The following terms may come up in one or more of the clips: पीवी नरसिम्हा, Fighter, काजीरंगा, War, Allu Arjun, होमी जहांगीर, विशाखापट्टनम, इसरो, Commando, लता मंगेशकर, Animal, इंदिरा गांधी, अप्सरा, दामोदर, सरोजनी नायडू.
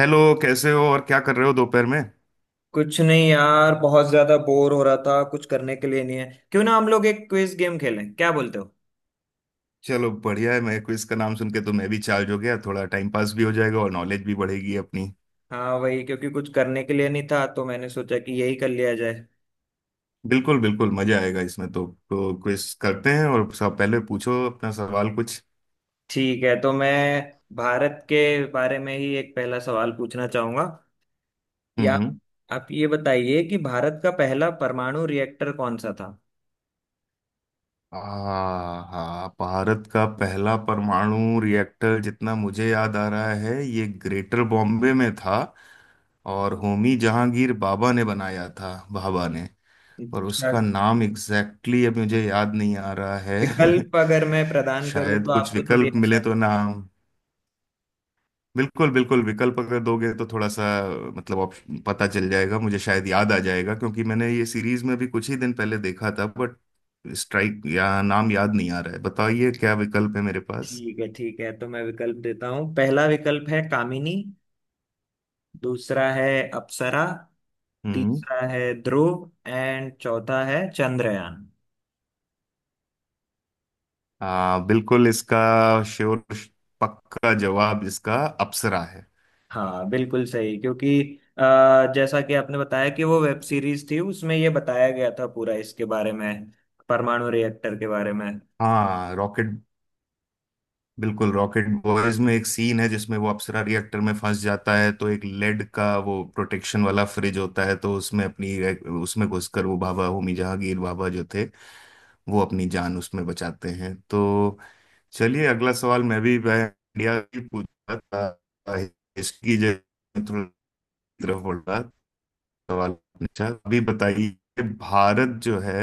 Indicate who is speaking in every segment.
Speaker 1: Hello, कैसे हो और क्या कर रहे हो दोपहर में।
Speaker 2: कुछ नहीं यार, बहुत ज्यादा बोर हो रहा था। कुछ करने के लिए नहीं है। क्यों ना हम लोग एक क्विज गेम खेलें, क्या बोलते हो?
Speaker 1: चलो, बढ़िया है। मैं क्विज का नाम सुन के तो मैं भी चार्ज हो गया। थोड़ा टाइम पास भी हो जाएगा और नॉलेज भी बढ़ेगी अपनी।
Speaker 2: हाँ वही, क्योंकि कुछ करने के लिए नहीं था तो मैंने सोचा कि यही कर लिया जाए।
Speaker 1: बिल्कुल बिल्कुल, मजा आएगा इसमें तो क्विज करते हैं, और सब, पहले पूछो अपना सवाल कुछ।
Speaker 2: ठीक है, तो मैं भारत के बारे में ही एक पहला सवाल पूछना चाहूंगा।
Speaker 1: हम्म,
Speaker 2: या आप
Speaker 1: हम्म।
Speaker 2: आप ये बताइए कि भारत का पहला परमाणु रिएक्टर कौन सा था?
Speaker 1: आ हाँ, भारत का पहला परमाणु रिएक्टर, जितना मुझे याद आ रहा है ये ग्रेटर बॉम्बे में था, और होमी जहांगीर बाबा ने बनाया था, बाबा ने। और
Speaker 2: अच्छा,
Speaker 1: उसका नाम एग्जैक्टली exactly अब मुझे याद नहीं आ रहा है।
Speaker 2: विकल्प अगर मैं प्रदान करूँ
Speaker 1: शायद
Speaker 2: तो
Speaker 1: कुछ
Speaker 2: आपको थोड़ी
Speaker 1: विकल्प मिले
Speaker 2: आसान।
Speaker 1: तो नाम। बिल्कुल बिल्कुल, विकल्प अगर दोगे तो थोड़ा सा मतलब ऑप्शन पता चल जाएगा। मुझे शायद याद आ जाएगा, क्योंकि मैंने ये सीरीज में भी कुछ ही दिन पहले देखा था, बट स्ट्राइक, या नाम याद नहीं आ रहा है। बताइए क्या विकल्प है मेरे पास।
Speaker 2: ठीक है ठीक है, तो मैं विकल्प देता हूँ। पहला विकल्प है कामिनी, दूसरा है अप्सरा,
Speaker 1: हम्म।
Speaker 2: तीसरा है ध्रुव एंड चौथा है चंद्रयान।
Speaker 1: बिल्कुल इसका श्योर पक्का जवाब, इसका अप्सरा है।
Speaker 2: हाँ बिल्कुल सही, क्योंकि जैसा कि आपने बताया कि वो वेब सीरीज थी, उसमें ये बताया गया था पूरा इसके बारे में, परमाणु रिएक्टर के बारे में।
Speaker 1: हाँ रॉकेट, बिल्कुल रॉकेट बॉयज में एक सीन है जिसमें वो अप्सरा रिएक्टर में फंस जाता है, तो एक लेड का वो प्रोटेक्शन वाला फ्रिज होता है, तो उसमें अपनी, उसमें घुसकर वो बाबा, होमी जहांगीर बाबा जो थे, वो अपनी जान उसमें बचाते हैं। तो चलिए, अगला सवाल। मैं इंडिया की पूछ रहा था, इसकी जगह थोड़ा तरफ बढ़ रहा सवाल पूछा। अभी बताइए, भारत जो है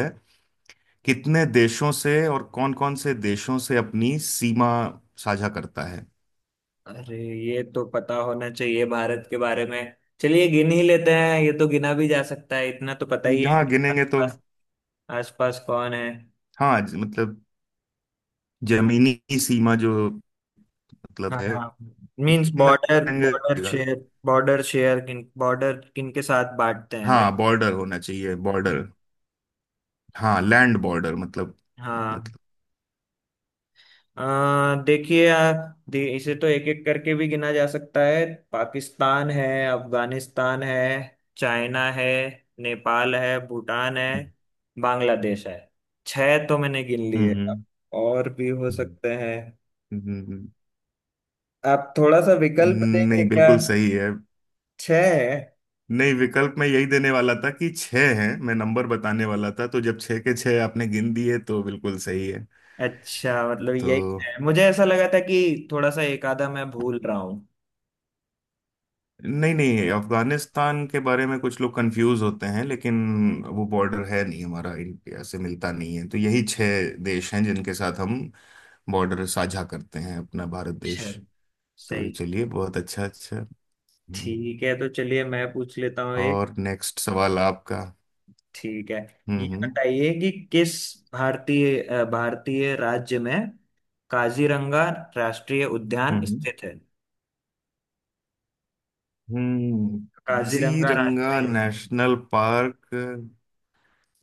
Speaker 1: कितने देशों से और कौन-कौन से देशों से अपनी सीमा साझा करता है।
Speaker 2: अरे, ये तो पता होना चाहिए भारत के बारे में। चलिए गिन ही लेते हैं, ये तो गिना भी जा सकता है। इतना तो पता ही है
Speaker 1: जहाँ
Speaker 2: कि
Speaker 1: गिनेंगे तो,
Speaker 2: आसपास, आसपास कौन है।
Speaker 1: हाँ, मतलब जमीनी सीमा जो मतलब है,
Speaker 2: हाँ, मीन्स
Speaker 1: ना,
Speaker 2: बॉर्डर, बॉर्डर
Speaker 1: गिनेंगे।
Speaker 2: शेयर, बॉर्डर शेयर, किन बॉर्डर, किन के साथ बांटते हैं भाई।
Speaker 1: हाँ बॉर्डर होना चाहिए, बॉर्डर। हाँ लैंड बॉर्डर, मतलब,
Speaker 2: हाँ,
Speaker 1: मतलब।
Speaker 2: देखिए, इसे तो एक एक करके भी गिना जा सकता है। पाकिस्तान है, अफगानिस्तान है, चाइना है, नेपाल है, भूटान है, बांग्लादेश है। छह तो मैंने गिन
Speaker 1: हम्म,
Speaker 2: लिए, अब
Speaker 1: हम्म,
Speaker 2: और भी हो
Speaker 1: हम्म,
Speaker 2: सकते हैं।
Speaker 1: हम्म, हम्म, हम्म।
Speaker 2: आप थोड़ा सा विकल्प देंगे
Speaker 1: नहीं,
Speaker 2: क्या?
Speaker 1: बिल्कुल सही है।
Speaker 2: छह है?
Speaker 1: नहीं, विकल्प मैं यही देने वाला था कि छह हैं। मैं नंबर बताने वाला था, तो जब छह के छह आपने गिन दिए तो बिल्कुल सही है।
Speaker 2: अच्छा, मतलब
Speaker 1: तो
Speaker 2: यही है। मुझे ऐसा लगा था कि थोड़ा सा एक आधा मैं भूल रहा हूँ।
Speaker 1: नहीं नहीं, अफगानिस्तान के बारे में कुछ लोग कंफ्यूज होते हैं, लेकिन वो बॉर्डर है नहीं, हमारा इंडिया से मिलता नहीं है, तो यही छह देश हैं जिनके साथ हम बॉर्डर साझा करते हैं, अपना भारत देश।
Speaker 2: अच्छा, सही।
Speaker 1: तो चलिए, बहुत अच्छा, अच्छा। हम्म।
Speaker 2: ठीक है तो चलिए, मैं पूछ लेता हूँ।
Speaker 1: और नेक्स्ट सवाल आपका।
Speaker 2: ठीक है, ये
Speaker 1: हम्म,
Speaker 2: बताइए कि किस भारतीय भारतीय राज्य में काजीरंगा राष्ट्रीय उद्यान
Speaker 1: हम्म,
Speaker 2: स्थित है?
Speaker 1: हम्म, हम्म।
Speaker 2: काजीरंगा
Speaker 1: काजीरंगा
Speaker 2: राष्ट्रीय,
Speaker 1: नेशनल पार्क।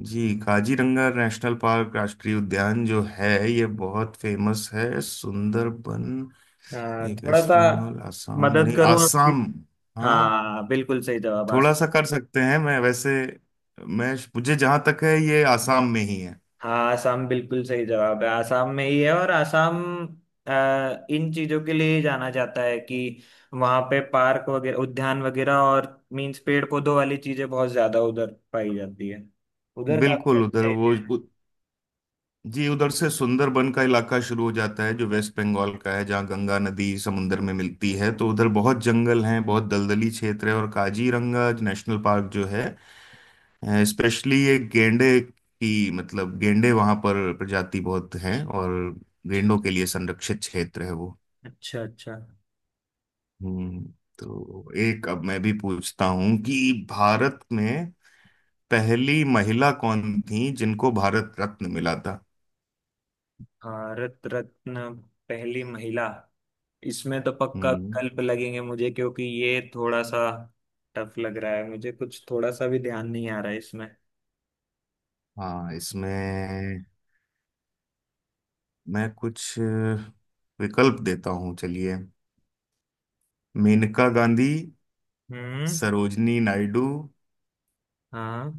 Speaker 1: जी, काजीरंगा नेशनल पार्क, राष्ट्रीय उद्यान जो है ये बहुत फेमस है। सुंदरबन, ये
Speaker 2: थोड़ा
Speaker 1: वेस्ट
Speaker 2: सा
Speaker 1: बंगाल, आसाम,
Speaker 2: मदद
Speaker 1: नहीं
Speaker 2: करूं आपकी?
Speaker 1: आसाम। हाँ
Speaker 2: हाँ बिल्कुल सही जवाब,
Speaker 1: थोड़ा
Speaker 2: आसाम।
Speaker 1: सा कर सकते हैं, मैं वैसे। मैं, मुझे जहां तक है, ये आसाम में ही है।
Speaker 2: हाँ आसाम, बिल्कुल सही जवाब है, आसाम में ही है। और आसाम इन चीजों के लिए ही जाना जाता है कि वहां पे पार्क वगैरह, उद्यान वगैरह, और मीन्स पेड़ पौधों वाली चीजें बहुत ज्यादा उधर पाई जाती है। उधर काफी
Speaker 1: बिल्कुल,
Speaker 2: अच्छा
Speaker 1: उधर
Speaker 2: है।
Speaker 1: वो जी उधर से सुंदरबन का इलाका शुरू हो जाता है जो वेस्ट बंगाल का है, जहाँ गंगा नदी समुन्द्र में मिलती है, तो उधर बहुत जंगल हैं, बहुत दलदली क्षेत्र है। और काजीरंगा नेशनल पार्क जो है, स्पेशली ये गेंडे की, मतलब गेंडे वहां पर प्रजाति बहुत हैं, और
Speaker 2: अच्छा
Speaker 1: गेंडों के लिए संरक्षित क्षेत्र है वो।
Speaker 2: अच्छा। अच्छा,
Speaker 1: हम्म। तो एक, अब मैं भी पूछता हूं कि भारत में पहली महिला कौन थी जिनको भारत रत्न मिला था।
Speaker 2: भारत रत्न, पहली महिला। इसमें तो पक्का
Speaker 1: हम्म।
Speaker 2: विकल्प लगेंगे मुझे, क्योंकि ये थोड़ा सा टफ लग रहा है मुझे। कुछ थोड़ा सा भी ध्यान नहीं आ रहा है इसमें।
Speaker 1: हाँ इसमें मैं कुछ विकल्प देता हूँ, चलिए। मेनका गांधी,
Speaker 2: हम्म।
Speaker 1: सरोजनी नायडू,
Speaker 2: हाँ,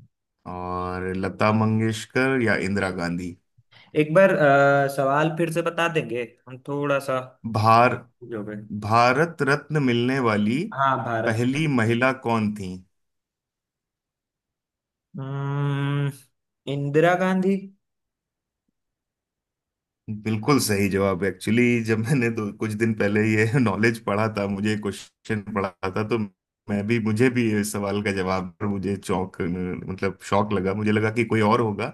Speaker 1: और लता मंगेशकर या इंदिरा गांधी।
Speaker 2: एक बार सवाल फिर से बता देंगे? हम थोड़ा सा
Speaker 1: भार
Speaker 2: हो गए।
Speaker 1: भारत रत्न मिलने वाली
Speaker 2: हाँ
Speaker 1: पहली
Speaker 2: भारत।
Speaker 1: महिला कौन थी।
Speaker 2: हम्म, इंदिरा गांधी।
Speaker 1: बिल्कुल सही जवाब। एक्चुअली जब मैंने दो कुछ दिन पहले ये नॉलेज पढ़ा था, मुझे क्वेश्चन पढ़ा था, तो मैं भी, मुझे भी इस सवाल का जवाब, पर मुझे चौंक, मतलब शौक लगा। मुझे लगा कि कोई और होगा,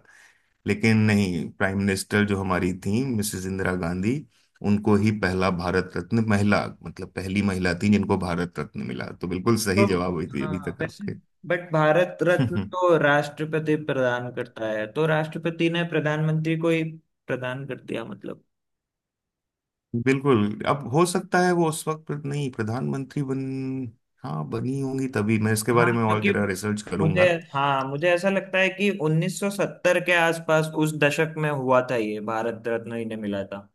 Speaker 1: लेकिन नहीं, प्राइम मिनिस्टर जो हमारी थी, मिसेस इंदिरा गांधी, उनको ही पहला भारत रत्न, महिला मतलब पहली महिला थी जिनको भारत रत्न मिला। तो बिल्कुल सही
Speaker 2: तो
Speaker 1: जवाब हुई थी अभी
Speaker 2: हाँ
Speaker 1: तक
Speaker 2: वैसे,
Speaker 1: आपके।
Speaker 2: बट भारत रत्न तो राष्ट्रपति प्रदान करता है, तो राष्ट्रपति ने प्रधानमंत्री को ही प्रदान कर दिया मतलब।
Speaker 1: बिल्कुल, अब हो सकता है वो उस वक्त नहीं प्रधानमंत्री बन, हाँ, बनी होंगी तभी। मैं इसके
Speaker 2: हाँ
Speaker 1: बारे में और
Speaker 2: क्योंकि
Speaker 1: जरा रिसर्च
Speaker 2: मुझे
Speaker 1: करूंगा।
Speaker 2: हाँ मुझे ऐसा लगता है कि 1970 के आसपास, उस दशक में हुआ था ये भारत रत्न इन्हें मिला था।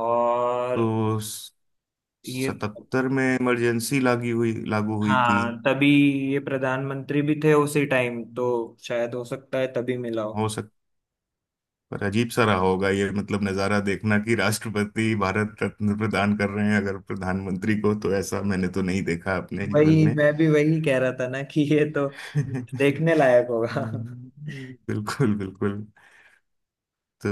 Speaker 2: और
Speaker 1: तो
Speaker 2: ये,
Speaker 1: 1977 में इमरजेंसी लागू हुई थी।
Speaker 2: हाँ तभी, ये प्रधानमंत्री भी थे उसी टाइम तो शायद हो सकता है तभी मिला हो।
Speaker 1: हो सकता। पर अजीब सा रहा होगा ये, मतलब नज़ारा देखना कि राष्ट्रपति भारत रत्न प्रदान कर रहे हैं अगर प्रधानमंत्री को, तो ऐसा मैंने तो नहीं देखा अपने जीवन
Speaker 2: वही
Speaker 1: में।
Speaker 2: मैं भी वही कह रहा था ना कि ये तो देखने लायक होगा।
Speaker 1: बिल्कुल बिल्कुल। तो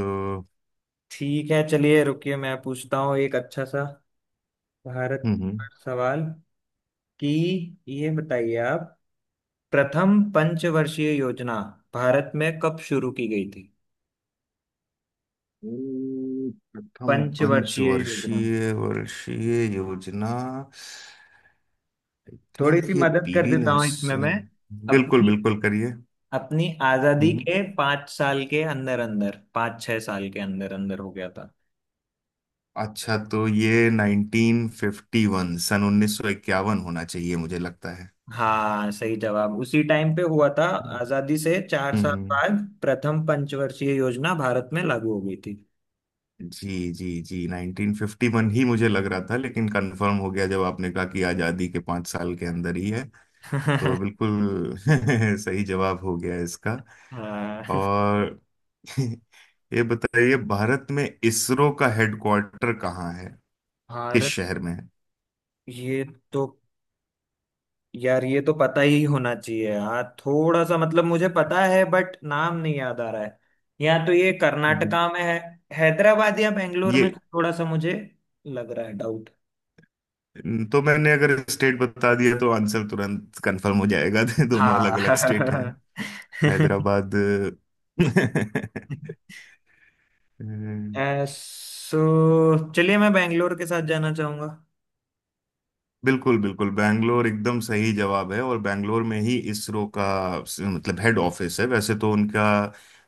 Speaker 2: ठीक है चलिए, रुकिए मैं पूछता हूँ एक अच्छा सा भारत
Speaker 1: हम्म,
Speaker 2: पर सवाल कि ये बताइए आप, प्रथम पंचवर्षीय योजना भारत में कब शुरू की गई थी?
Speaker 1: प्रथम
Speaker 2: पंचवर्षीय योजना,
Speaker 1: पंचवर्षीय वर्षीय योजना। आई
Speaker 2: थोड़ी सी
Speaker 1: थिंक ये
Speaker 2: मदद कर
Speaker 1: पीवी
Speaker 2: देता हूँ इसमें मैं।
Speaker 1: नरसिम्हा, बिल्कुल
Speaker 2: अपनी
Speaker 1: बिल्कुल करिए।
Speaker 2: अपनी आजादी
Speaker 1: हम्म।
Speaker 2: के पांच साल के अंदर अंदर, पांच छह साल के अंदर अंदर हो गया था।
Speaker 1: अच्छा, तो ये 1951, सन 1951 होना चाहिए मुझे लगता है।
Speaker 2: हाँ सही जवाब, उसी टाइम पे हुआ था। आजादी से चार साल
Speaker 1: हम्म,
Speaker 2: बाद प्रथम पंचवर्षीय योजना भारत में लागू हो गई थी।
Speaker 1: जी जी जी, 1951 ही मुझे लग रहा था, लेकिन कंफर्म हो गया जब आपने कहा कि आजादी के पाँच साल के अंदर ही है। तो बिल्कुल सही जवाब हो गया इसका।
Speaker 2: हाँ।
Speaker 1: और ये बताइए, भारत में इसरो का हेडक्वार्टर कहाँ है, किस
Speaker 2: हार,
Speaker 1: शहर में।
Speaker 2: ये तो, यार ये तो पता ही होना चाहिए। हाँ थोड़ा सा, मतलब मुझे पता है बट नाम नहीं याद आ रहा है। या तो ये
Speaker 1: है
Speaker 2: कर्नाटका में है, हैदराबाद या बेंगलोर
Speaker 1: ये
Speaker 2: में, थोड़ा सा मुझे लग रहा है डाउट।
Speaker 1: तो, मैंने अगर स्टेट बता दिया तो आंसर तुरंत कंफर्म हो जाएगा। दोनों अलग अलग स्टेट हैं,
Speaker 2: हाँ।
Speaker 1: हैदराबाद।
Speaker 2: सो चलिए, मैं बेंगलोर के साथ जाना चाहूंगा।
Speaker 1: बिल्कुल बिल्कुल, बैंगलोर एकदम सही जवाब है, और बैंगलोर में ही इसरो का, मतलब हेड ऑफिस है। वैसे तो उनका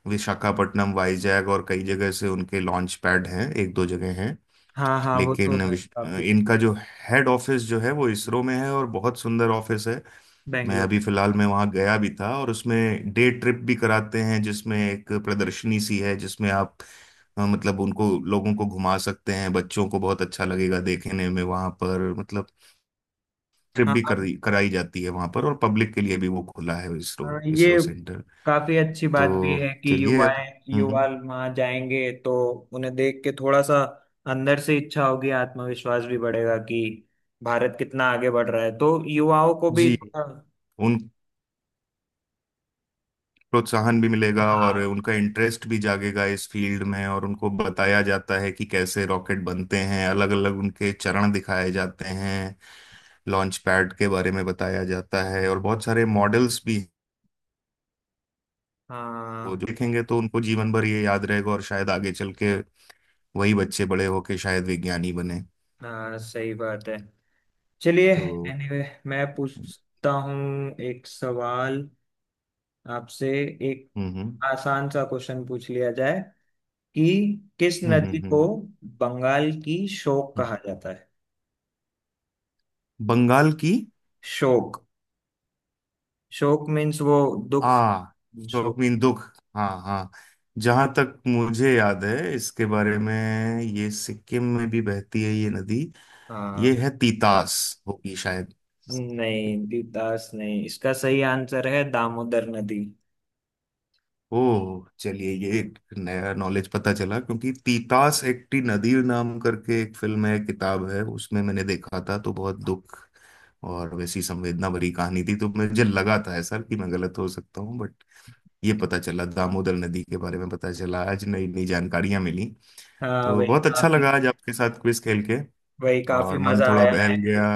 Speaker 1: विशाखापट्टनम, वाईजैग, और कई जगह से उनके लॉन्च पैड हैं, एक दो जगह हैं,
Speaker 2: हाँ हाँ वो तो
Speaker 1: लेकिन
Speaker 2: है काफी।
Speaker 1: इनका जो हेड ऑफिस जो है, वो इसरो में है, और बहुत सुंदर ऑफिस है। मैं
Speaker 2: बेंगलोर।
Speaker 1: अभी फिलहाल मैं वहाँ गया भी था, और उसमें डे ट्रिप भी कराते हैं, जिसमें एक प्रदर्शनी सी है, जिसमें आप मतलब उनको, लोगों को घुमा सकते हैं। बच्चों को बहुत अच्छा लगेगा देखने में वहाँ पर, मतलब ट्रिप भी
Speaker 2: हाँ,
Speaker 1: कराई जाती है वहाँ पर, और पब्लिक के लिए भी वो खुला है, इसरो,
Speaker 2: हाँ,
Speaker 1: इसरो
Speaker 2: ये
Speaker 1: सेंटर।
Speaker 2: काफी अच्छी बात भी
Speaker 1: तो
Speaker 2: है कि
Speaker 1: चलिए अब।
Speaker 2: युवाएं,
Speaker 1: हम्म,
Speaker 2: युवा वहां जाएंगे तो उन्हें देख के थोड़ा सा अंदर से इच्छा होगी, आत्मविश्वास भी बढ़ेगा कि भारत कितना आगे बढ़ रहा है। तो युवाओं को भी
Speaker 1: जी,
Speaker 2: थोड़ा-।
Speaker 1: उन प्रोत्साहन भी मिलेगा और
Speaker 2: हाँ
Speaker 1: उनका इंटरेस्ट भी जागेगा इस फील्ड में, और उनको बताया जाता है कि कैसे रॉकेट बनते हैं, अलग अलग उनके चरण दिखाए जाते हैं, लॉन्च पैड के बारे में बताया जाता है, और बहुत सारे मॉडल्स भी हैं। वो जो
Speaker 2: हाँ।
Speaker 1: देखेंगे तो उनको जीवन भर ये याद रहेगा, और शायद आगे चल के वही बच्चे बड़े होके शायद विज्ञानी बने।
Speaker 2: हाँ सही बात है चलिए।
Speaker 1: तो
Speaker 2: एनीवे, मैं पूछता हूँ एक सवाल आपसे। एक
Speaker 1: हम्म, हम्म,
Speaker 2: आसान सा क्वेश्चन पूछ लिया जाए कि किस
Speaker 1: हम्म, हम्म,
Speaker 2: नदी को बंगाल की शोक
Speaker 1: हम्म।
Speaker 2: कहा जाता है?
Speaker 1: बंगाल की,
Speaker 2: शोक, शोक मीन्स वो दुख,
Speaker 1: हाँ। शोक
Speaker 2: शोक।
Speaker 1: मीन दुख। हाँ हाँ, जहां तक मुझे याद है इसके बारे में, ये सिक्किम में भी बहती है ये नदी। ये
Speaker 2: हाँ।
Speaker 1: है तीतास होगी शायद।
Speaker 2: नहीं, द्वितास नहीं, इसका सही आंसर है दामोदर नदी।
Speaker 1: ओह चलिए, ये एक नया नॉलेज पता चला, क्योंकि तीतास एक टी नदी नाम करके एक फिल्म है, किताब है, उसमें मैंने देखा था, तो बहुत दुख और वैसी संवेदना भरी कहानी थी। तो मुझे लगा था ऐसा कि मैं गलत हो सकता हूँ, बट ये पता चला, दामोदर नदी के बारे में पता चला आज। नई नई जानकारियां मिली।
Speaker 2: हाँ
Speaker 1: तो
Speaker 2: वही
Speaker 1: बहुत अच्छा
Speaker 2: काफी,
Speaker 1: लगा आज आपके साथ क्विज खेल के,
Speaker 2: वही काफी
Speaker 1: और मन
Speaker 2: मजा
Speaker 1: थोड़ा
Speaker 2: आया
Speaker 1: बहल
Speaker 2: है।
Speaker 1: गया।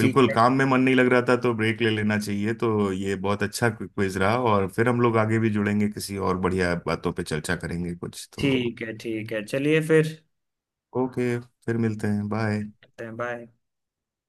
Speaker 2: ठीक है
Speaker 1: काम में मन नहीं लग रहा था, तो ब्रेक ले लेना चाहिए। तो ये बहुत अच्छा क्विज रहा, और फिर हम लोग आगे भी जुड़ेंगे, किसी और बढ़िया बातों पे चर्चा करेंगे कुछ तो।
Speaker 2: ठीक है, ठीक है चलिए फिर,
Speaker 1: ओके, फिर मिलते हैं, बाय।
Speaker 2: बाय।